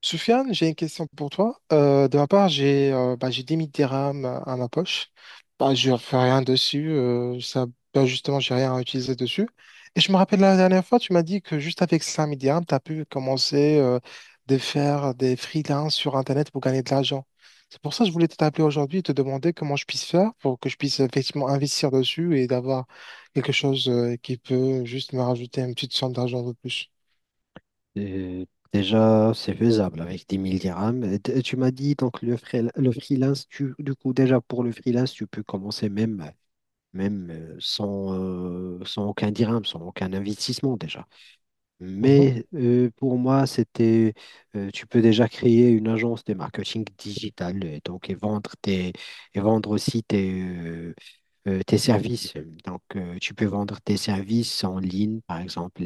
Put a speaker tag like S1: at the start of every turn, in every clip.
S1: Soufiane, j'ai une question pour toi. De ma part, j'ai 10 000 dirhams à ma poche. Bah, je ne fais rien dessus. Justement, j'ai rien à utiliser dessus. Et je me rappelle la dernière fois, tu m'as dit que juste avec 5 000 dirhams, tu as pu commencer de faire des freelances sur Internet pour gagner de l'argent. C'est pour ça que je voulais t'appeler aujourd'hui et te demander comment je puisse faire pour que je puisse effectivement investir dessus et d'avoir quelque chose qui peut juste me rajouter une petite somme d'argent de plus.
S2: Euh, Déjà, c'est faisable avec 10 000 dirhams. Et tu m'as dit donc le freelance, du coup, déjà pour le freelance, tu peux commencer même, sans, sans aucun dirham, sans aucun investissement déjà.
S1: Mhm.
S2: Pour moi, tu peux déjà créer une agence de marketing digital, donc et vendre et vendre aussi tes services. Donc, tu peux vendre tes services en ligne, par exemple,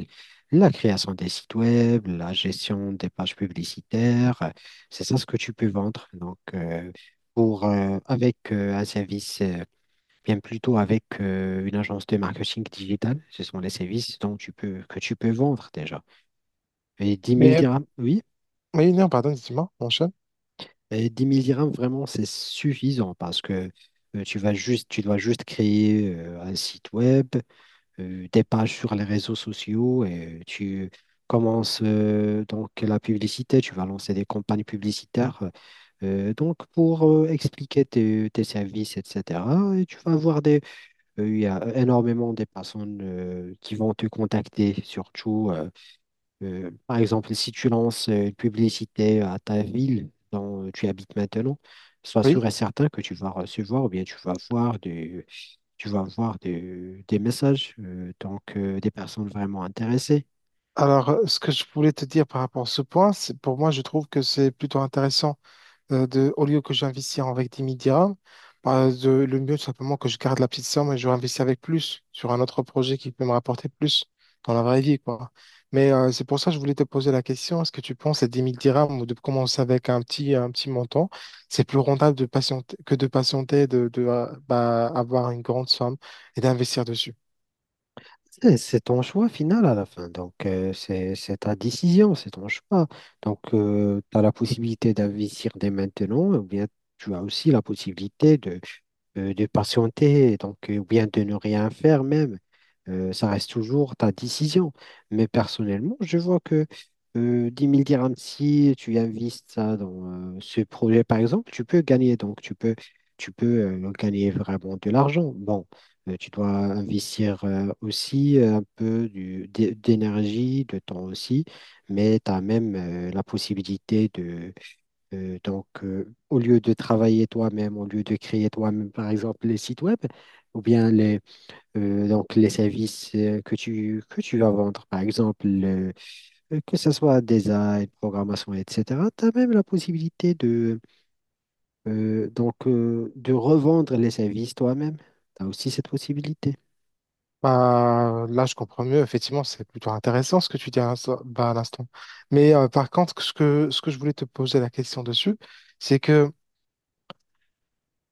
S2: la création des sites web, la gestion des pages publicitaires. C'est ça ce que tu peux vendre. Donc, pour, avec un service, bien plutôt avec une agence de marketing digital, ce sont les services dont tu peux, que tu peux vendre déjà. Et 10 000
S1: Mais,
S2: dirhams, oui,
S1: oui, non, pardon, dis-moi, mon
S2: et 10 000 dirhams, vraiment, c'est suffisant parce que tu vas juste, tu dois juste créer un site web, des pages sur les réseaux sociaux et tu commences donc la publicité, tu vas lancer des campagnes publicitaires donc pour expliquer tes, tes services, etc. Et tu vas avoir il y a énormément de personnes qui vont te contacter, surtout. Par exemple, si tu lances une publicité à ta ville dont tu habites maintenant, sois sûr
S1: oui,
S2: et certain que tu vas recevoir ou bien tu vas voir des, tu vas voir des, des messages, donc des personnes vraiment intéressées.
S1: alors ce que je voulais te dire par rapport à ce point, c'est pour moi, je trouve que c'est plutôt intéressant, au lieu que j'investisse avec 10 000 dirhams, le mieux tout simplement que je garde la petite somme et je réinvestis avec plus sur un autre projet qui peut me rapporter plus dans la vraie vie, quoi. Mais c'est pour ça que je voulais te poser la question, est-ce que tu penses à 10 000 dirhams ou de commencer avec un petit montant, c'est plus rentable de patienter, de avoir une grande somme et d'investir dessus?
S2: C'est ton choix final à la fin. Donc, c'est ta décision, c'est ton choix. Donc, tu as la possibilité d'investir dès maintenant, ou bien tu as aussi la possibilité de patienter, donc, ou bien de ne rien faire même. Ça reste toujours ta décision. Mais personnellement, je vois que 10 000 dirhams, si tu investis ça dans ce projet, par exemple, tu peux gagner. Donc, tu peux gagner vraiment de l'argent. Bon. Tu dois investir aussi un peu d'énergie, de temps aussi, mais tu as même la possibilité de, au lieu de travailler toi-même, au lieu de créer toi-même, par exemple, les sites web, ou bien les services que tu vas vendre, par exemple, que ce soit design, programmation, etc., tu as même la possibilité de, de revendre les services toi-même. Tu as aussi cette possibilité.
S1: Bah, là, je comprends mieux. Effectivement, c'est plutôt intéressant ce que tu dis à l'instant. Mais par contre, ce que je voulais te poser la question dessus, c'est que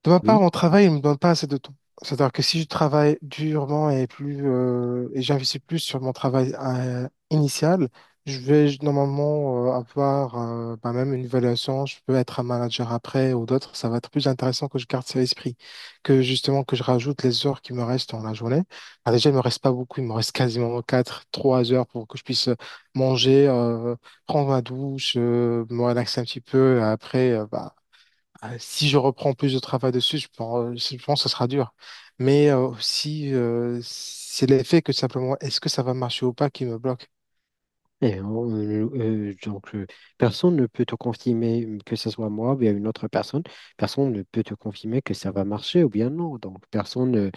S1: de ma part,
S2: Oui.
S1: mon travail ne me donne pas assez de temps. C'est-à-dire que si je travaille durement et plus, et j'investis plus sur mon travail initial, je vais normalement avoir, même une évaluation. Je peux être un manager après ou d'autres. Ça va être plus intéressant que je garde ça à l'esprit, que justement que je rajoute les heures qui me restent dans la journée. Ah, déjà, il me reste pas beaucoup. Il me reste quasiment 4, 3 heures pour que je puisse manger, prendre ma douche, me relaxer un petit peu. Après, si je reprends plus de travail dessus, je pense que ce sera dur. Mais aussi, c'est l'effet que simplement, est-ce que ça va marcher ou pas qui me bloque.
S2: Et on- euh, euh, donc, euh, Personne ne peut te confirmer que ce soit moi ou bien une autre personne. Personne ne peut te confirmer que ça va marcher ou bien non. Donc, personne. euh,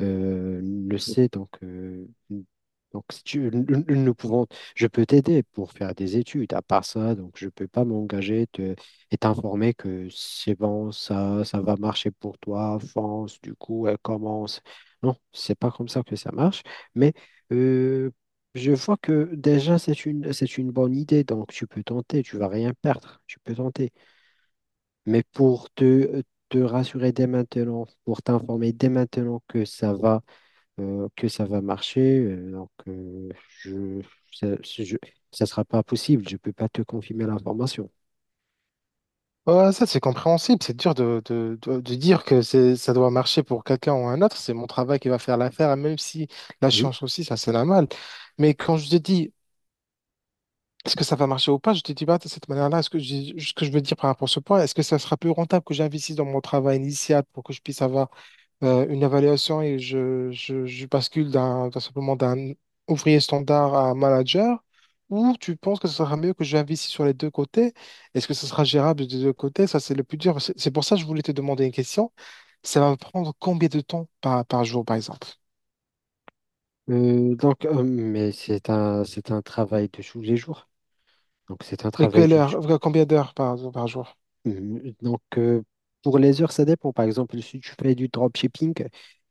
S2: euh, le sait, donc si tu, nous, nous- nous pouvons, je peux t'aider pour faire des études. À part ça, donc je ne peux pas m'engager te- et t'informer que c'est bon, ça va marcher pour toi, fonce, du coup, elle commence. Non, c'est pas comme ça que ça marche. Mais euh, je vois que déjà, c'est une bonne idée, donc tu peux tenter, tu vas rien perdre, tu peux tenter. Mais pour te, te rassurer dès maintenant, pour t'informer dès maintenant que ça va marcher. Je, Ça, ça sera pas possible. Je peux pas te confirmer l'information.
S1: Ouais, ça, c'est compréhensible. C'est dur de dire que ça doit marcher pour quelqu'un ou un autre. C'est mon travail qui va faire l'affaire, même si la
S2: Oui.
S1: science aussi, ça, c'est normal. Mais quand je te dis, est-ce que ça va marcher ou pas, je te dis pas de cette manière-là. Est-ce que ce que je veux dire par rapport à ce point, est-ce que ça sera plus rentable que j'investisse dans mon travail initial pour que je puisse avoir une évaluation, et je bascule d'un ouvrier standard à un manager, ou tu penses que ce sera mieux que j'investisse sur les deux côtés? Est-ce que ce sera gérable des deux côtés? Ça, c'est le plus dur. C'est pour ça que je voulais te demander une question. Ça va me prendre combien de temps par jour, par exemple?
S2: Mais c'est un travail de tous les jours. Donc, c'est un
S1: Mais
S2: travail
S1: quelle
S2: de,
S1: heure, combien d'heures par jour?
S2: Mhm. Donc, pour les heures, ça dépend. Par exemple, si tu fais du dropshipping,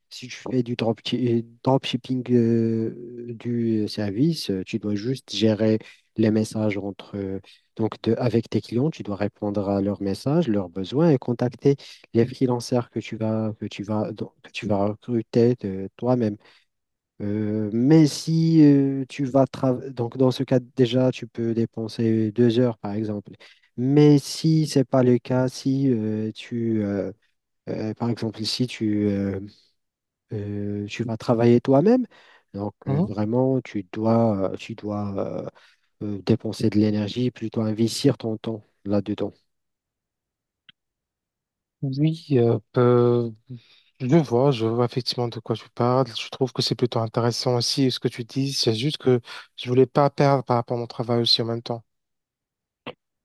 S2: si tu fais du dropshipping du service, tu dois juste gérer les messages entre, avec tes clients. Tu dois répondre à leurs messages, leurs besoins et contacter les freelancers que tu vas, donc, que tu vas recruter de toi-même. Mais si tu vas travailler, donc dans ce cas déjà, tu peux dépenser 2 heures par exemple. Mais si c'est pas le cas, si tu, par exemple, si tu, tu vas travailler toi-même, donc
S1: Hein.
S2: vraiment, tu dois dépenser de l'énergie, plutôt investir ton temps là-dedans.
S1: Oui, je vois effectivement de quoi tu parles. Je trouve que c'est plutôt intéressant aussi ce que tu dis. C'est juste que je voulais pas perdre par rapport à mon travail aussi en même temps.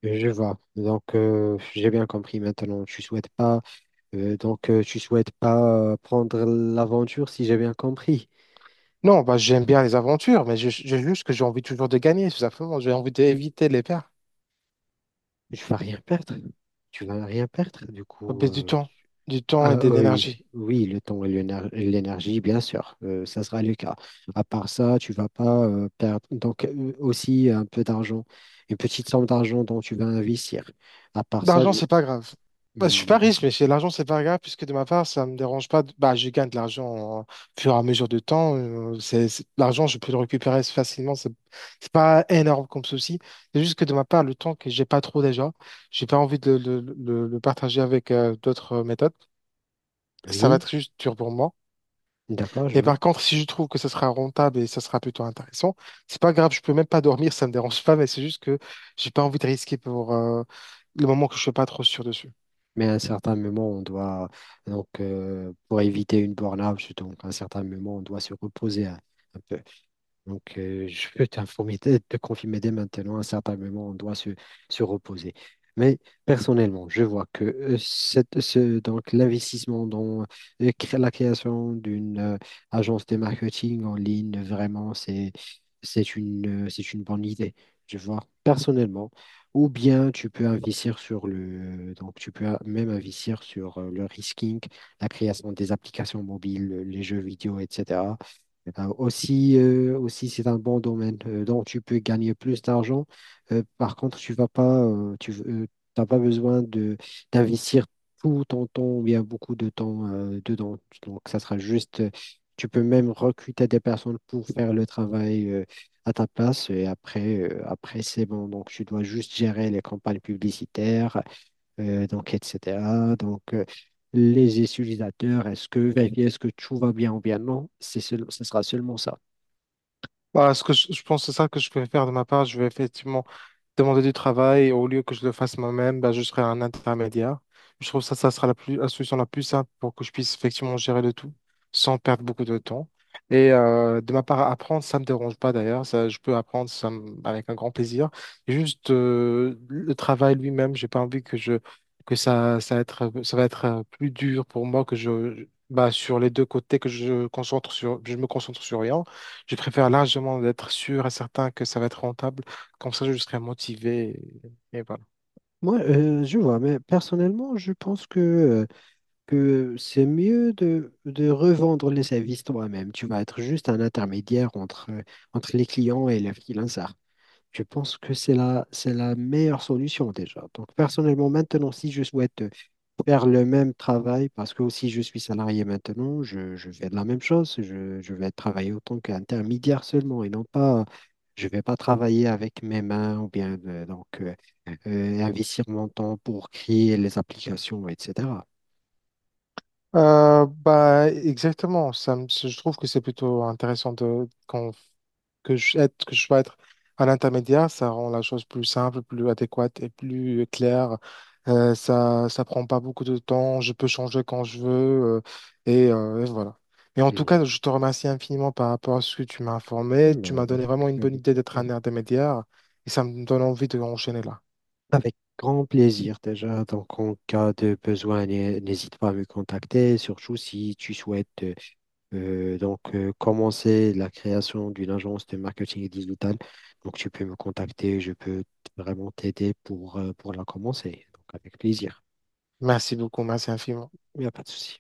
S2: Je vois. Donc, j'ai bien compris maintenant. Tu souhaites pas, tu souhaites pas prendre l'aventure, si j'ai bien compris.
S1: Non, bah, j'aime bien les aventures, mais j'ai juste que j'ai envie toujours de gagner, tout simplement. J'ai envie d'éviter les pertes.
S2: Je vas rien perdre. Tu vas rien perdre.
S1: Faut baisser du temps et de
S2: Oui,
S1: l'énergie.
S2: oui, le temps et l'énergie, bien sûr, ça sera le cas. À part ça, tu vas pas perdre. Donc aussi un peu d'argent, une petite somme d'argent dont tu vas investir. À part ça,
S1: L'argent,
S2: je...
S1: c'est pas grave. Bah, je suis
S2: Hmm,
S1: pas riche,
S2: d'accord.
S1: mais l'argent, c'est pas grave, puisque de ma part, ça me dérange pas. Bah, je gagne de l'argent au fur et à mesure du temps. L'argent, je peux le récupérer facilement. C'est pas énorme comme souci. C'est juste que de ma part, le temps que j'ai pas trop déjà, j'ai pas envie de le partager avec d'autres méthodes. Ça va
S2: Oui,
S1: être juste dur pour moi.
S2: d'accord, je
S1: Mais
S2: vois.
S1: par contre, si je trouve que ce sera rentable et ça sera plutôt intéressant, c'est pas grave, je peux même pas dormir, ça me dérange pas, mais c'est juste que j'ai pas envie de risquer pour, le moment que je suis pas trop sûr dessus.
S2: Mais à un certain moment, on doit donc pour éviter une burn-out, donc à un certain moment, on doit se reposer un peu. Donc, je peux t'informer, te confirmer dès maintenant, à certains moments, on doit se, se reposer. Mais personnellement, je vois que l'investissement dans la création d'une agence de marketing en ligne, vraiment, c'est une bonne idée. Je vois personnellement. Ou bien tu peux investir sur le, donc tu peux même investir sur le risking, la création des applications mobiles, les jeux vidéo, etc. Eh ben, aussi, aussi c'est un bon domaine dont tu peux gagner plus d'argent. Par contre, tu vas pas, tu t'as pas besoin de d'investir tout ton temps ou bien beaucoup de temps dedans. Donc, ça sera juste, tu peux même recruter des personnes pour faire le travail à ta place. Et après, après c'est bon. Donc, tu dois juste gérer les campagnes publicitaires, etc. Donc, les utilisateurs, est-ce que vérifier est-ce que tout va bien ou bien non, ce sera seulement ça.
S1: Voilà, ce que je pense, c'est ça que je peux faire de ma part. Je vais effectivement demander du travail au lieu que je le fasse moi-même, bah, je serai un intermédiaire. Je trouve ça, ça sera la solution la plus simple pour que je puisse effectivement gérer le tout sans perdre beaucoup de temps. Et de ma part, apprendre, ça ne me dérange pas d'ailleurs. Ça, je peux apprendre ça avec un grand plaisir. Et juste le travail lui-même, j'ai pas envie que ça va être plus dur pour moi que bah, sur les deux côtés, que je concentre sur, je me concentre sur rien. Je préfère largement d'être sûr et certain que ça va être rentable comme ça, je serai motivé. Et voilà.
S2: Moi, je vois, mais personnellement, je pense que c'est mieux de revendre les services toi-même. Tu vas être juste un intermédiaire entre, entre les clients et les freelancers. Je pense que c'est la meilleure solution déjà. Donc, personnellement, maintenant, si je souhaite faire le même travail, parce que aussi je suis salarié maintenant, je fais de la même chose, je vais travailler autant qu'intermédiaire seulement et non pas, je vais pas travailler avec mes mains ou bien investir mon temps pour créer les applications, etc.
S1: Exactement. Je trouve que c'est plutôt intéressant que je sois être un intermédiaire. Ça rend la chose plus simple, plus adéquate et plus claire. Ça, ça prend pas beaucoup de temps. Je peux changer quand je veux. euh, et voilà. Et en tout
S2: Mhm.
S1: cas, je te remercie infiniment par rapport à ce que tu m'as informé. Tu m'as
S2: Avec,
S1: donné vraiment une bonne
S2: avec-
S1: idée d'être un intermédiaire. Et ça me donne envie de enchaîner là.
S2: avec grand plaisir déjà. Donc, en cas de besoin, n'hésite pas à me contacter, surtout si tu souhaites commencer la création d'une agence de marketing digital. Donc, tu peux me contacter, je peux vraiment t'aider pour la commencer. Donc, avec plaisir.
S1: Merci beaucoup, merci infiniment.
S2: Il n'y a pas de souci.